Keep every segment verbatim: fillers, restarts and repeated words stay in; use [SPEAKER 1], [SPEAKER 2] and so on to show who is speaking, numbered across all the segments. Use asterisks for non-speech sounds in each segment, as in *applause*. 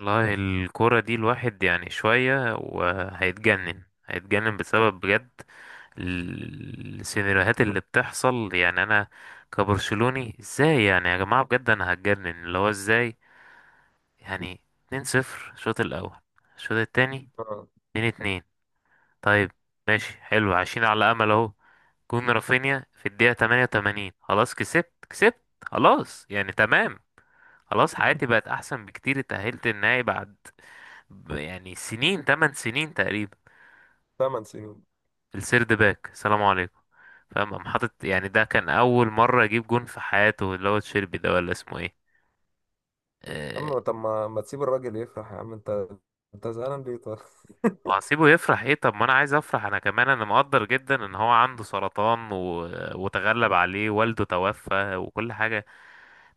[SPEAKER 1] والله الكورة دي الواحد يعني شوية وهيتجنن هيتجنن بسبب بجد، ال- السيناريوهات اللي بتحصل، يعني أنا كبرشلوني ازاي؟ يعني يا جماعة بجد أنا هتجنن، اللي هو ازاي يعني؟ اتنين صفر الشوط الأول، الشوط التاني
[SPEAKER 2] اه،
[SPEAKER 1] اتنين اتنين. طيب، ماشي حلو، عايشين على أمل أهو. جون رافينيا في الدقيقة تمانية وتمانين، خلاص كسبت كسبت خلاص، يعني تمام، خلاص، حياتي بقت أحسن بكتير، اتأهلت النهائي بعد ب- يعني سنين، تمن سنين تقريبا.
[SPEAKER 2] ثمان سنين.
[SPEAKER 1] السيرد باك، سلام عليكم. فاهم؟ قام حاطط، يعني ده كان اول مره يجيب جون في حياته، اللي هو تشيربي ده ولا اسمه ايه؟ أه.
[SPEAKER 2] اما طب ما ما تسيب الراجل يفرح يا عم انت، انت زعلان ليه طيب؟ *laughs*
[SPEAKER 1] وهسيبه يفرح ايه؟ طب ما انا عايز افرح انا كمان، انا مقدر جدا ان هو عنده سرطان و... وتغلب عليه، والده توفى وكل حاجه،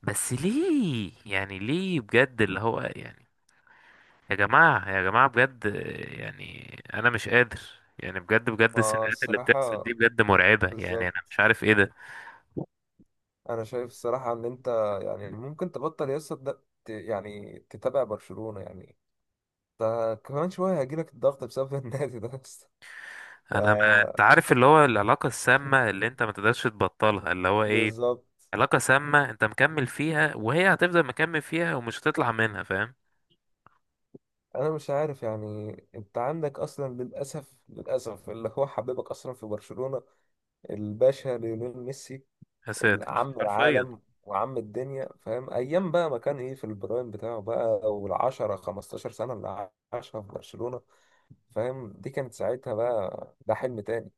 [SPEAKER 1] بس ليه يعني؟ ليه بجد اللي هو يعني، يا جماعه يا جماعه بجد، آه، يعني انا مش قادر، يعني بجد بجد
[SPEAKER 2] ما
[SPEAKER 1] السيناريوهات اللي بتحصل
[SPEAKER 2] الصراحة
[SPEAKER 1] دي بجد مرعبه، يعني انا مش
[SPEAKER 2] بالظبط،
[SPEAKER 1] عارف ايه ده.
[SPEAKER 2] أنا شايف الصراحة إن أنت يعني ممكن تبطل يا اسطى، تد- ت- يعني تتابع برشلونة يعني. ده كمان شوية هيجيلك الضغط بسبب *laughs* النادي ده بس. ف
[SPEAKER 1] انا، ما انت عارف اللي هو العلاقه السامه اللي انت ما تقدرش تبطلها، اللي هو ايه؟
[SPEAKER 2] بالظبط.
[SPEAKER 1] علاقه سامه انت مكمل فيها وهي هتفضل مكمل فيها ومش هتطلع منها، فاهم؟
[SPEAKER 2] أنا مش عارف يعني، أنت عندك أصلا للأسف للأسف اللي هو حبيبك أصلا في برشلونة، الباشا ليونيل ميسي،
[SPEAKER 1] يا ساتر،
[SPEAKER 2] عم
[SPEAKER 1] حرفيا.
[SPEAKER 2] العالم وعم الدنيا فاهم. ايام بقى ما كان ايه في البرايم بتاعه بقى، والعشرة خمستاشر سنة اللي عاشها في برشلونة فاهم، دي كانت ساعتها بقى ده حلم تاني.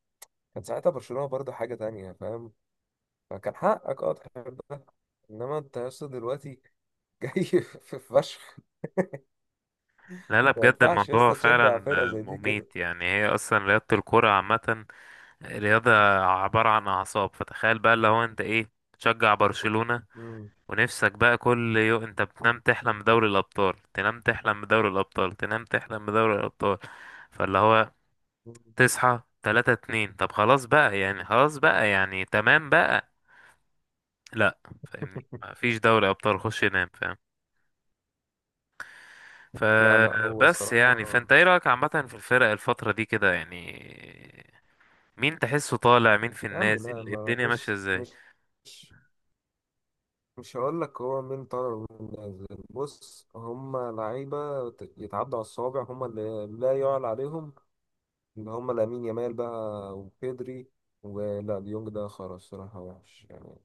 [SPEAKER 2] كان ساعتها برشلونة برضه حاجة تانية فاهم، فكان حقك اه تحب ده. انما انت يا اسطى دلوقتي *laughs* جاي في فشخ.
[SPEAKER 1] لا لا
[SPEAKER 2] ما
[SPEAKER 1] بجد،
[SPEAKER 2] ينفعش يا
[SPEAKER 1] الموضوع
[SPEAKER 2] اسطى تشجع
[SPEAKER 1] فعلا
[SPEAKER 2] فرقة
[SPEAKER 1] آه،
[SPEAKER 2] زي دي كده.
[SPEAKER 1] مميت، يعني هي اصلا رياضه، الكره عامه رياضه، عباره عن اعصاب. فتخيل بقى اللي هو انت ايه؟ تشجع برشلونه
[SPEAKER 2] مم.
[SPEAKER 1] ونفسك بقى كل يوم، انت بتنام تحلم بدوري الابطال، تنام تحلم بدوري الابطال، تنام تحلم بدوري الابطال، فاللي هو تصحى تلاتة اتنين، طب خلاص بقى يعني، خلاص بقى يعني تمام بقى. لا. فاهمني؟
[SPEAKER 2] *laughs*
[SPEAKER 1] مفيش دوري ابطال، خش نام، فاهم؟
[SPEAKER 2] لا لا، هو
[SPEAKER 1] فبس يعني،
[SPEAKER 2] الصراحة
[SPEAKER 1] فانت ايه رايك عامه في الفرق الفتره دي كده يعني؟ مين تحسه طالع، مين في
[SPEAKER 2] يا عم،
[SPEAKER 1] النازل،
[SPEAKER 2] لا
[SPEAKER 1] إيه
[SPEAKER 2] ما
[SPEAKER 1] الدنيا ماشيه
[SPEAKER 2] بص،
[SPEAKER 1] ازاي؟
[SPEAKER 2] مش مش هقول لك هو مين طالع ومين نازل. بص، هما لعيبة ت- يتعدوا على الصوابع، هما اللي لا يعلى عليهم، اللي هما لامين يامال بقى وبيدري ولا ديونج، ده خلاص الصراحة وحش يعني.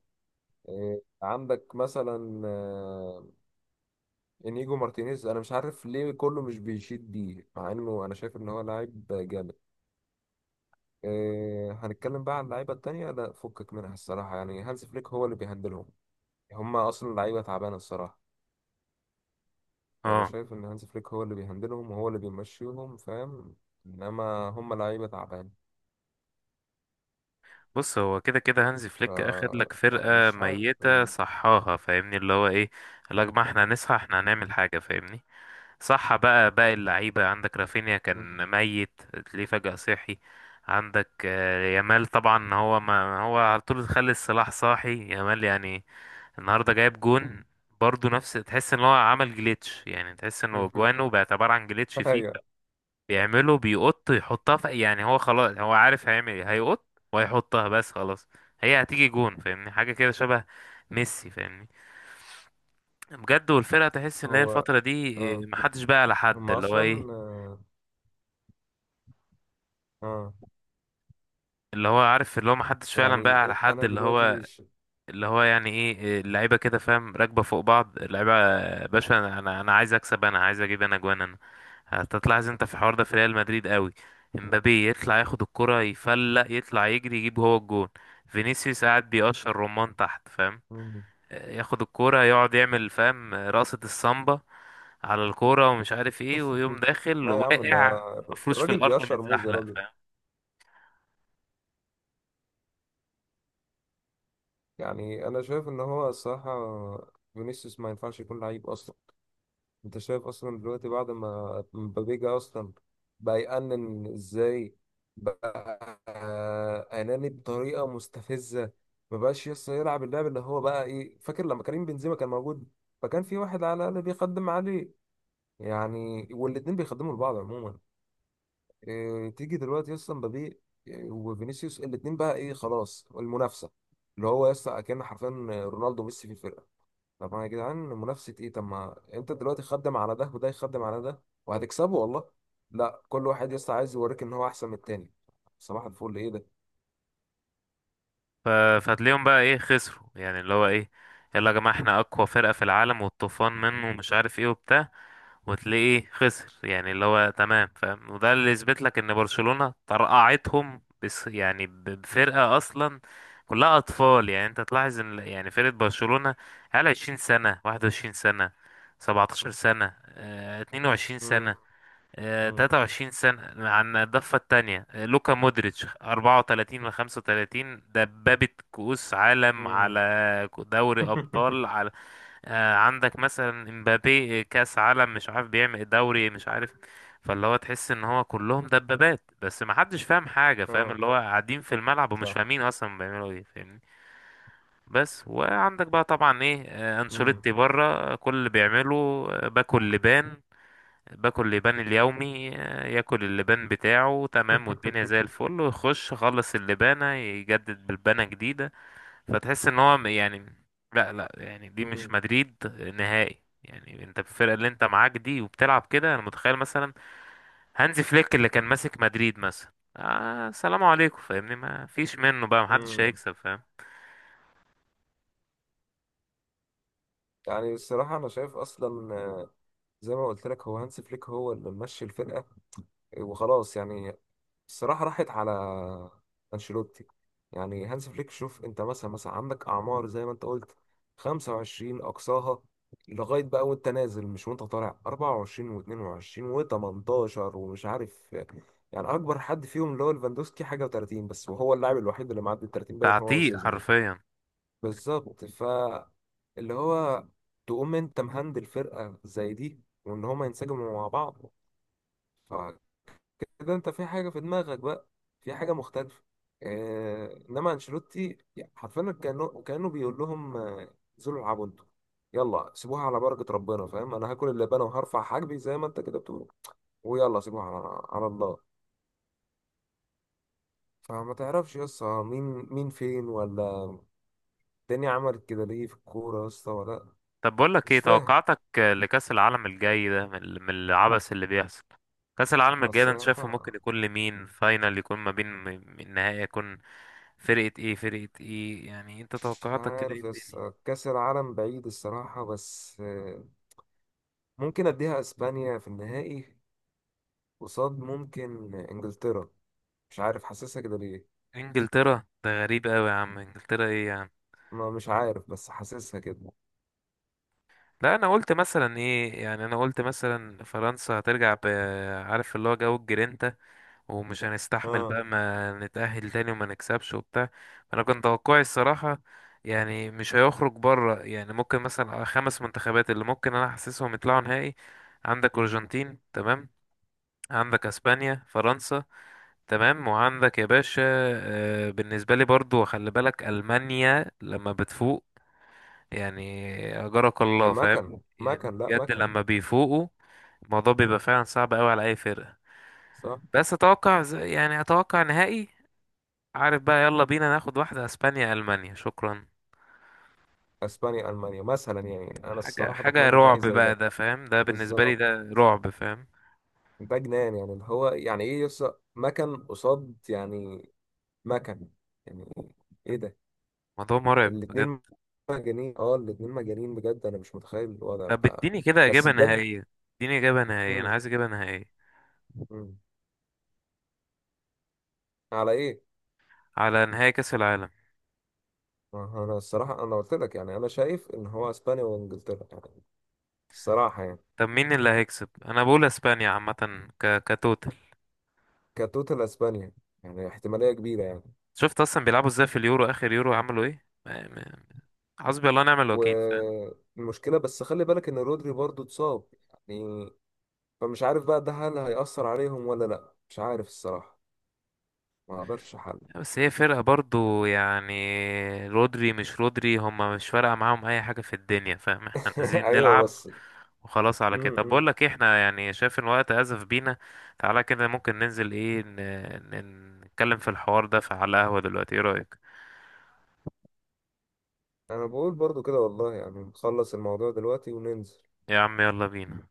[SPEAKER 2] إيه، عندك مثلا آه، انيجو مارتينيز، انا مش عارف ليه كله مش بيشيد بيه، مع انه انا شايف ان هو لاعب جامد. إيه، هنتكلم بقى عن اللعيبة التانية، لا فكك منها الصراحة يعني. هانز فليك هو اللي بيهندلهم، هما اصلا لعيبة تعبانة الصراحة. يعني أنا
[SPEAKER 1] اه.
[SPEAKER 2] شايف إن هانز فليك هو اللي بيهندلهم وهو اللي بيمشيهم فاهم، إنما هم لعيبة تعبان.
[SPEAKER 1] بص، هو كده كده هانزي
[SPEAKER 2] ف
[SPEAKER 1] فليك اخد لك
[SPEAKER 2] يعني
[SPEAKER 1] فرقه
[SPEAKER 2] مش عارف
[SPEAKER 1] ميته
[SPEAKER 2] إن...
[SPEAKER 1] صحاها، فاهمني اللي هو ايه؟ قال لك ما احنا هنصحى، احنا هنعمل حاجه، فاهمني. صح. بقى باقي اللعيبة، عندك رافينيا كان ميت، ليه فجأة صحي؟ عندك آه، يامال، طبعا هو، ما هو على طول خلي السلاح صاحي يامال، يعني النهارده جايب جون برضه، نفس، تحس ان هو عمل جليتش، يعني تحس انه
[SPEAKER 2] *laughs*
[SPEAKER 1] جوانه بقت عبارة عن جليتش فيفا
[SPEAKER 2] أيوه.
[SPEAKER 1] بيعمله، بيقط يحطها في، يعني هو خلاص، هو عارف هيعمل ايه، هيقط وهيحطها، بس خلاص، هي هتيجي جون. فاهمني؟ حاجة كده شبه ميسي، فاهمني؟ بجد، والفرقة تحس ان هي
[SPEAKER 2] هو
[SPEAKER 1] الفترة دي آه،
[SPEAKER 2] آه،
[SPEAKER 1] محدش بقى على حد،
[SPEAKER 2] هم
[SPEAKER 1] اللي هو ايه،
[SPEAKER 2] أصلا آه، آه.
[SPEAKER 1] اللي هو عارف، اللي هو ما حدش فعلا
[SPEAKER 2] يعني
[SPEAKER 1] بقى على
[SPEAKER 2] إيه-
[SPEAKER 1] حد،
[SPEAKER 2] أنا
[SPEAKER 1] اللي
[SPEAKER 2] دلوقتي
[SPEAKER 1] هو،
[SPEAKER 2] مش...
[SPEAKER 1] اللي هو يعني ايه اللعيبه كده، فاهم؟ راكبه فوق بعض اللعيبه، آه، باشا، انا انا أنا عايز اكسب، انا عايز اجيب، انا جوان انا. هتطلع انت في الحوار ده في ريال مدريد قوي، امبابي يطلع ياخد الكره يفلق، يطلع يجري يجيب هو الجون، فينيسيوس قاعد بيقشر رمان تحت، فاهم؟
[SPEAKER 2] *laughs*
[SPEAKER 1] ياخد الكرة يقعد يعمل فاهم رقصة السامبا على الكرة ومش عارف ايه، ويقوم داخل
[SPEAKER 2] لا يا عم ده
[SPEAKER 1] واقع مفروش في
[SPEAKER 2] الراجل
[SPEAKER 1] الأرض
[SPEAKER 2] بيقشر موز يا
[SPEAKER 1] متزحلق،
[SPEAKER 2] راجل.
[SPEAKER 1] فاهم؟
[SPEAKER 2] يعني أنا شايف إن هو الصراحة فينيسيوس ما ينفعش يكون لعيب أصلا. انت شايف اصلا دلوقتي بعد ما مبابي جه اصلا، بقى يأنن ازاي؟ بقى اناني بطريقه مستفزه، ما بقاش يسطا يلعب اللعب اللي هو بقى ايه. فاكر لما كريم بنزيما كان موجود، فكان في واحد على الاقل بيخدم عليه، يعني والاتنين بيخدموا لبعض عموما. إيه، تيجي دلوقتي اصلا مبابي آه، وفينيسيوس، الاتنين بقى ايه، خلاص المنافسه. اللي هو يسطا كان حرفيا رونالدو وميسي في الفرقه. طب ما يا جدعان منافسة ايه، طب ما انت دلوقتي خدم على ده وده يخدم على ده وهتكسبه والله. لا، كل واحد يسطا عايز يوريك ان هو احسن من التاني. صباح الفل، ايه ده؟
[SPEAKER 1] ف- فهتلاقيهم بقى ايه خسروا، يعني اللي هو ايه؟ يلا يا جماعة احنا اقوى فرقة في العالم، والطوفان منه ومش عارف ايه وبتاع، وتلاقيه إيه، خسر، يعني اللي هو تمام، فاهم؟ وده اللي يثبت لك ان برشلونة طرقعتهم، بس يعني ب- بفرقة اصلا كلها اطفال. يعني انت تلاحظ ان يعني فرقة برشلونة على عشرين سنة، واحد وعشرين سنة، سبعة عشر سنة، آه، اتنين وعشرين
[SPEAKER 2] مم.
[SPEAKER 1] سنة، آه،
[SPEAKER 2] مم.
[SPEAKER 1] تلاتة وعشرين سنة، عن الضفة التانية، آه، لوكا مودريتش اربعة وتلاتين من خمسة وتلاتين، دبابة كؤوس عالم،
[SPEAKER 2] مم.
[SPEAKER 1] على دوري
[SPEAKER 2] *laughs*
[SPEAKER 1] أبطال، على آه، عندك مثلا امبابي، آه، كأس عالم، مش عارف بيعمل دوري، مش عارف. فاللي هو تحس ان هو كلهم دبابات بس ما حدش فاهم حاجة، فاهم؟
[SPEAKER 2] اه،
[SPEAKER 1] اللي هو قاعدين في الملعب ومش
[SPEAKER 2] صح.
[SPEAKER 1] فاهمين اصلا بيعملوا ايه، فاهمني؟ بس. وعندك بقى طبعا ايه، آه،
[SPEAKER 2] مم.
[SPEAKER 1] انشيلوتي بره، آه، كل اللي بيعمله آه، باكل لبان، باكل لبان اليومي، آه، ياكل اللبان بتاعه، تمام، والدنيا زي
[SPEAKER 2] *laughs*
[SPEAKER 1] الفل، ويخش يخلص اللبانة يجدد بلبانة جديدة، فتحس ان هو م- يعني، لا لا يعني دي مش
[SPEAKER 2] مم.
[SPEAKER 1] مدريد نهائي، يعني انت الفرقة اللي انت معاك دي وبتلعب كده، انا متخيل مثلا هانزي فليك اللي كان ماسك مدريد مثلا، آه سلام عليكم، فاهمني؟ ما فيش منه بقى، محدش
[SPEAKER 2] مم.
[SPEAKER 1] هيكسب، فاهم؟
[SPEAKER 2] يعني الصراحة أنا شايف أصلا آه، زي ما قلت لك، هو هانسي فليك هو اللي ممشي الفرقة وخلاص يعني. الصراحة راحت على أنشيلوتي. يعني هانز فليك، شوف أنت مثلا مثلا عندك أعمار زي ما أنت قلت، خمسة وعشرين أقصاها لغاية بقى وأنت نازل، مش وأنت طالع، أربعة وعشرين و22 و18 ومش عارف. يعني أكبر حد فيهم اللي هو ليفاندوسكي حاجة و30 بس، وهو اللاعب الوحيد اللي معدي ال تلاتين باين، هو
[SPEAKER 1] تعتيق
[SPEAKER 2] وشيزني.
[SPEAKER 1] حرفيا.
[SPEAKER 2] بالظبط. ف اللي هو تقوم أنت مهندل فرقة زي دي، وإن هما ينسجموا مع بعض كده، انت في حاجه في دماغك بقى، في حاجه مختلفه. آه، انما انشيلوتي يعني حرفيا كانه كانه بيقول لهم آه، انزلوا العبوا انتوا، يلا سيبوها على بركه ربنا فاهم. انا هاكل اللبانه وهرفع حاجبي زي ما انت كده بتقول، ويلا سيبوها على على الله. فما تعرفش يا اسطى، مين مين فين ولا الدنيا عملت كده ليه في الكوره يا اسطى ولا؟
[SPEAKER 1] طب، بقول لك
[SPEAKER 2] مش
[SPEAKER 1] ايه
[SPEAKER 2] فاهم.
[SPEAKER 1] توقعاتك لكأس العالم الجاي ده من ال- من العبث اللي بيحصل؟ كأس العالم الجاي ده انت شايفه ممكن
[SPEAKER 2] الصراحة
[SPEAKER 1] يكون لمين؟ فاينل يكون ما بين م- النهائي يكون فرقة ايه فرقة ايه، يعني انت
[SPEAKER 2] مش
[SPEAKER 1] توقعاتك كده ايه
[SPEAKER 2] عارف يس
[SPEAKER 1] تاني؟
[SPEAKER 2] كأس العالم بعيد الصراحة، بس آه، ممكن أديها أسبانيا في النهائي، قصاد ممكن انجلترا. مش عارف حاسسها كده ليه.
[SPEAKER 1] انجلترا ده غريب قوي يا عم، انجلترا ايه يا عم؟
[SPEAKER 2] ما مش عارف بس حاسسها كده.
[SPEAKER 1] لا انا قلت مثلا ايه، يعني انا قلت مثلا فرنسا هترجع ب عارف، اللي هو جو الجرينتا، ومش هنستحمل
[SPEAKER 2] اه،
[SPEAKER 1] بقى، ما نتأهل تاني وما نكسبش وبتاع. انا كان توقعي الصراحة، يعني مش هيخرج بره، يعني ممكن مثلا آه، خمس منتخبات اللي ممكن انا احسسهم يطلعوا نهائي. عندك
[SPEAKER 2] امم،
[SPEAKER 1] ارجنتين تمام، عندك اسبانيا، فرنسا، تمام، وعندك يا باشا آه، بالنسبة لي برضو، خلي بالك ألمانيا لما بتفوق يعني، أجرك
[SPEAKER 2] هي
[SPEAKER 1] الله، فاهم؟
[SPEAKER 2] مكن
[SPEAKER 1] يعني
[SPEAKER 2] مكن لا
[SPEAKER 1] بجد
[SPEAKER 2] مكن.
[SPEAKER 1] لما بيفوقوا الموضوع بيبقى فعلا صعب قوي على أي فرقة.
[SPEAKER 2] صح.
[SPEAKER 1] بس أتوقع ز- يعني أتوقع نهائي. عارف بقى؟ يلا بينا ناخد واحدة، اسبانيا المانيا، شكرا.
[SPEAKER 2] اسبانيا المانيا مثلا، يعني انا
[SPEAKER 1] حاجة
[SPEAKER 2] الصراحه
[SPEAKER 1] حاجة
[SPEAKER 2] بتمنى نهائي
[SPEAKER 1] رعب
[SPEAKER 2] زي
[SPEAKER 1] بقى
[SPEAKER 2] ده.
[SPEAKER 1] ده، فاهم؟ ده بالنسبة لي
[SPEAKER 2] بالظبط،
[SPEAKER 1] ده رعب، فاهم؟
[SPEAKER 2] ده جنان يعني اللي هو يعني ايه، يص مكن قصاد يعني، مكن، يعني ايه ده.
[SPEAKER 1] موضوع مرعب بجد.
[SPEAKER 2] الاتنين مجانين، اه الاتنين مجانين بجد، انا مش متخيل الوضع
[SPEAKER 1] طب
[SPEAKER 2] بتاع.
[SPEAKER 1] اديني كده
[SPEAKER 2] بس
[SPEAKER 1] اجابة
[SPEAKER 2] بجد،
[SPEAKER 1] نهائية، اديني اجابة نهائية، انا
[SPEAKER 2] امم،
[SPEAKER 1] عايز اجابة نهائية.
[SPEAKER 2] امم، على ايه؟
[SPEAKER 1] على نهائي كأس العالم.
[SPEAKER 2] ما هو انا الصراحه انا قلت لك، يعني انا شايف ان هو اسبانيا وانجلترا يعني، الصراحه يعني
[SPEAKER 1] طب مين اللي هيكسب؟ انا بقول اسبانيا عامة، ك... كتوتال.
[SPEAKER 2] كتوتال اسبانيا. يعني احتماليه كبيره يعني.
[SPEAKER 1] شفت اصلا بيلعبوا ازاي في اليورو، اخر يورو عملوا ايه، ما- ما- حسبي الله ونعم الوكيل، فاهم؟
[SPEAKER 2] والمشكله بس خلي بالك ان رودري برضو اتصاب يعني، فمش عارف بقى ده هل هيأثر عليهم ولا لا، مش عارف الصراحه، ما اقدرش احل.
[SPEAKER 1] بس هي فرقة برضو يعني، رودري مش رودري، هما مش فارقة معاهم اي حاجة في الدنيا، فاهم؟ احنا عايزين
[SPEAKER 2] *laughs* ايوه
[SPEAKER 1] نلعب
[SPEAKER 2] بس.
[SPEAKER 1] وخلاص
[SPEAKER 2] م
[SPEAKER 1] على كده. طب
[SPEAKER 2] -م.
[SPEAKER 1] بقول لك ايه، احنا يعني شايف ان الوقت ازف بينا، تعالى كده ممكن ننزل ايه ن- ن- نتكلم في الحوار ده، في على قهوة دلوقتي، ايه رأيك؟
[SPEAKER 2] انا بقول برضو كده والله، يعني نخلص الموضوع دلوقتي وننزل.
[SPEAKER 1] يا عم، يلا بينا.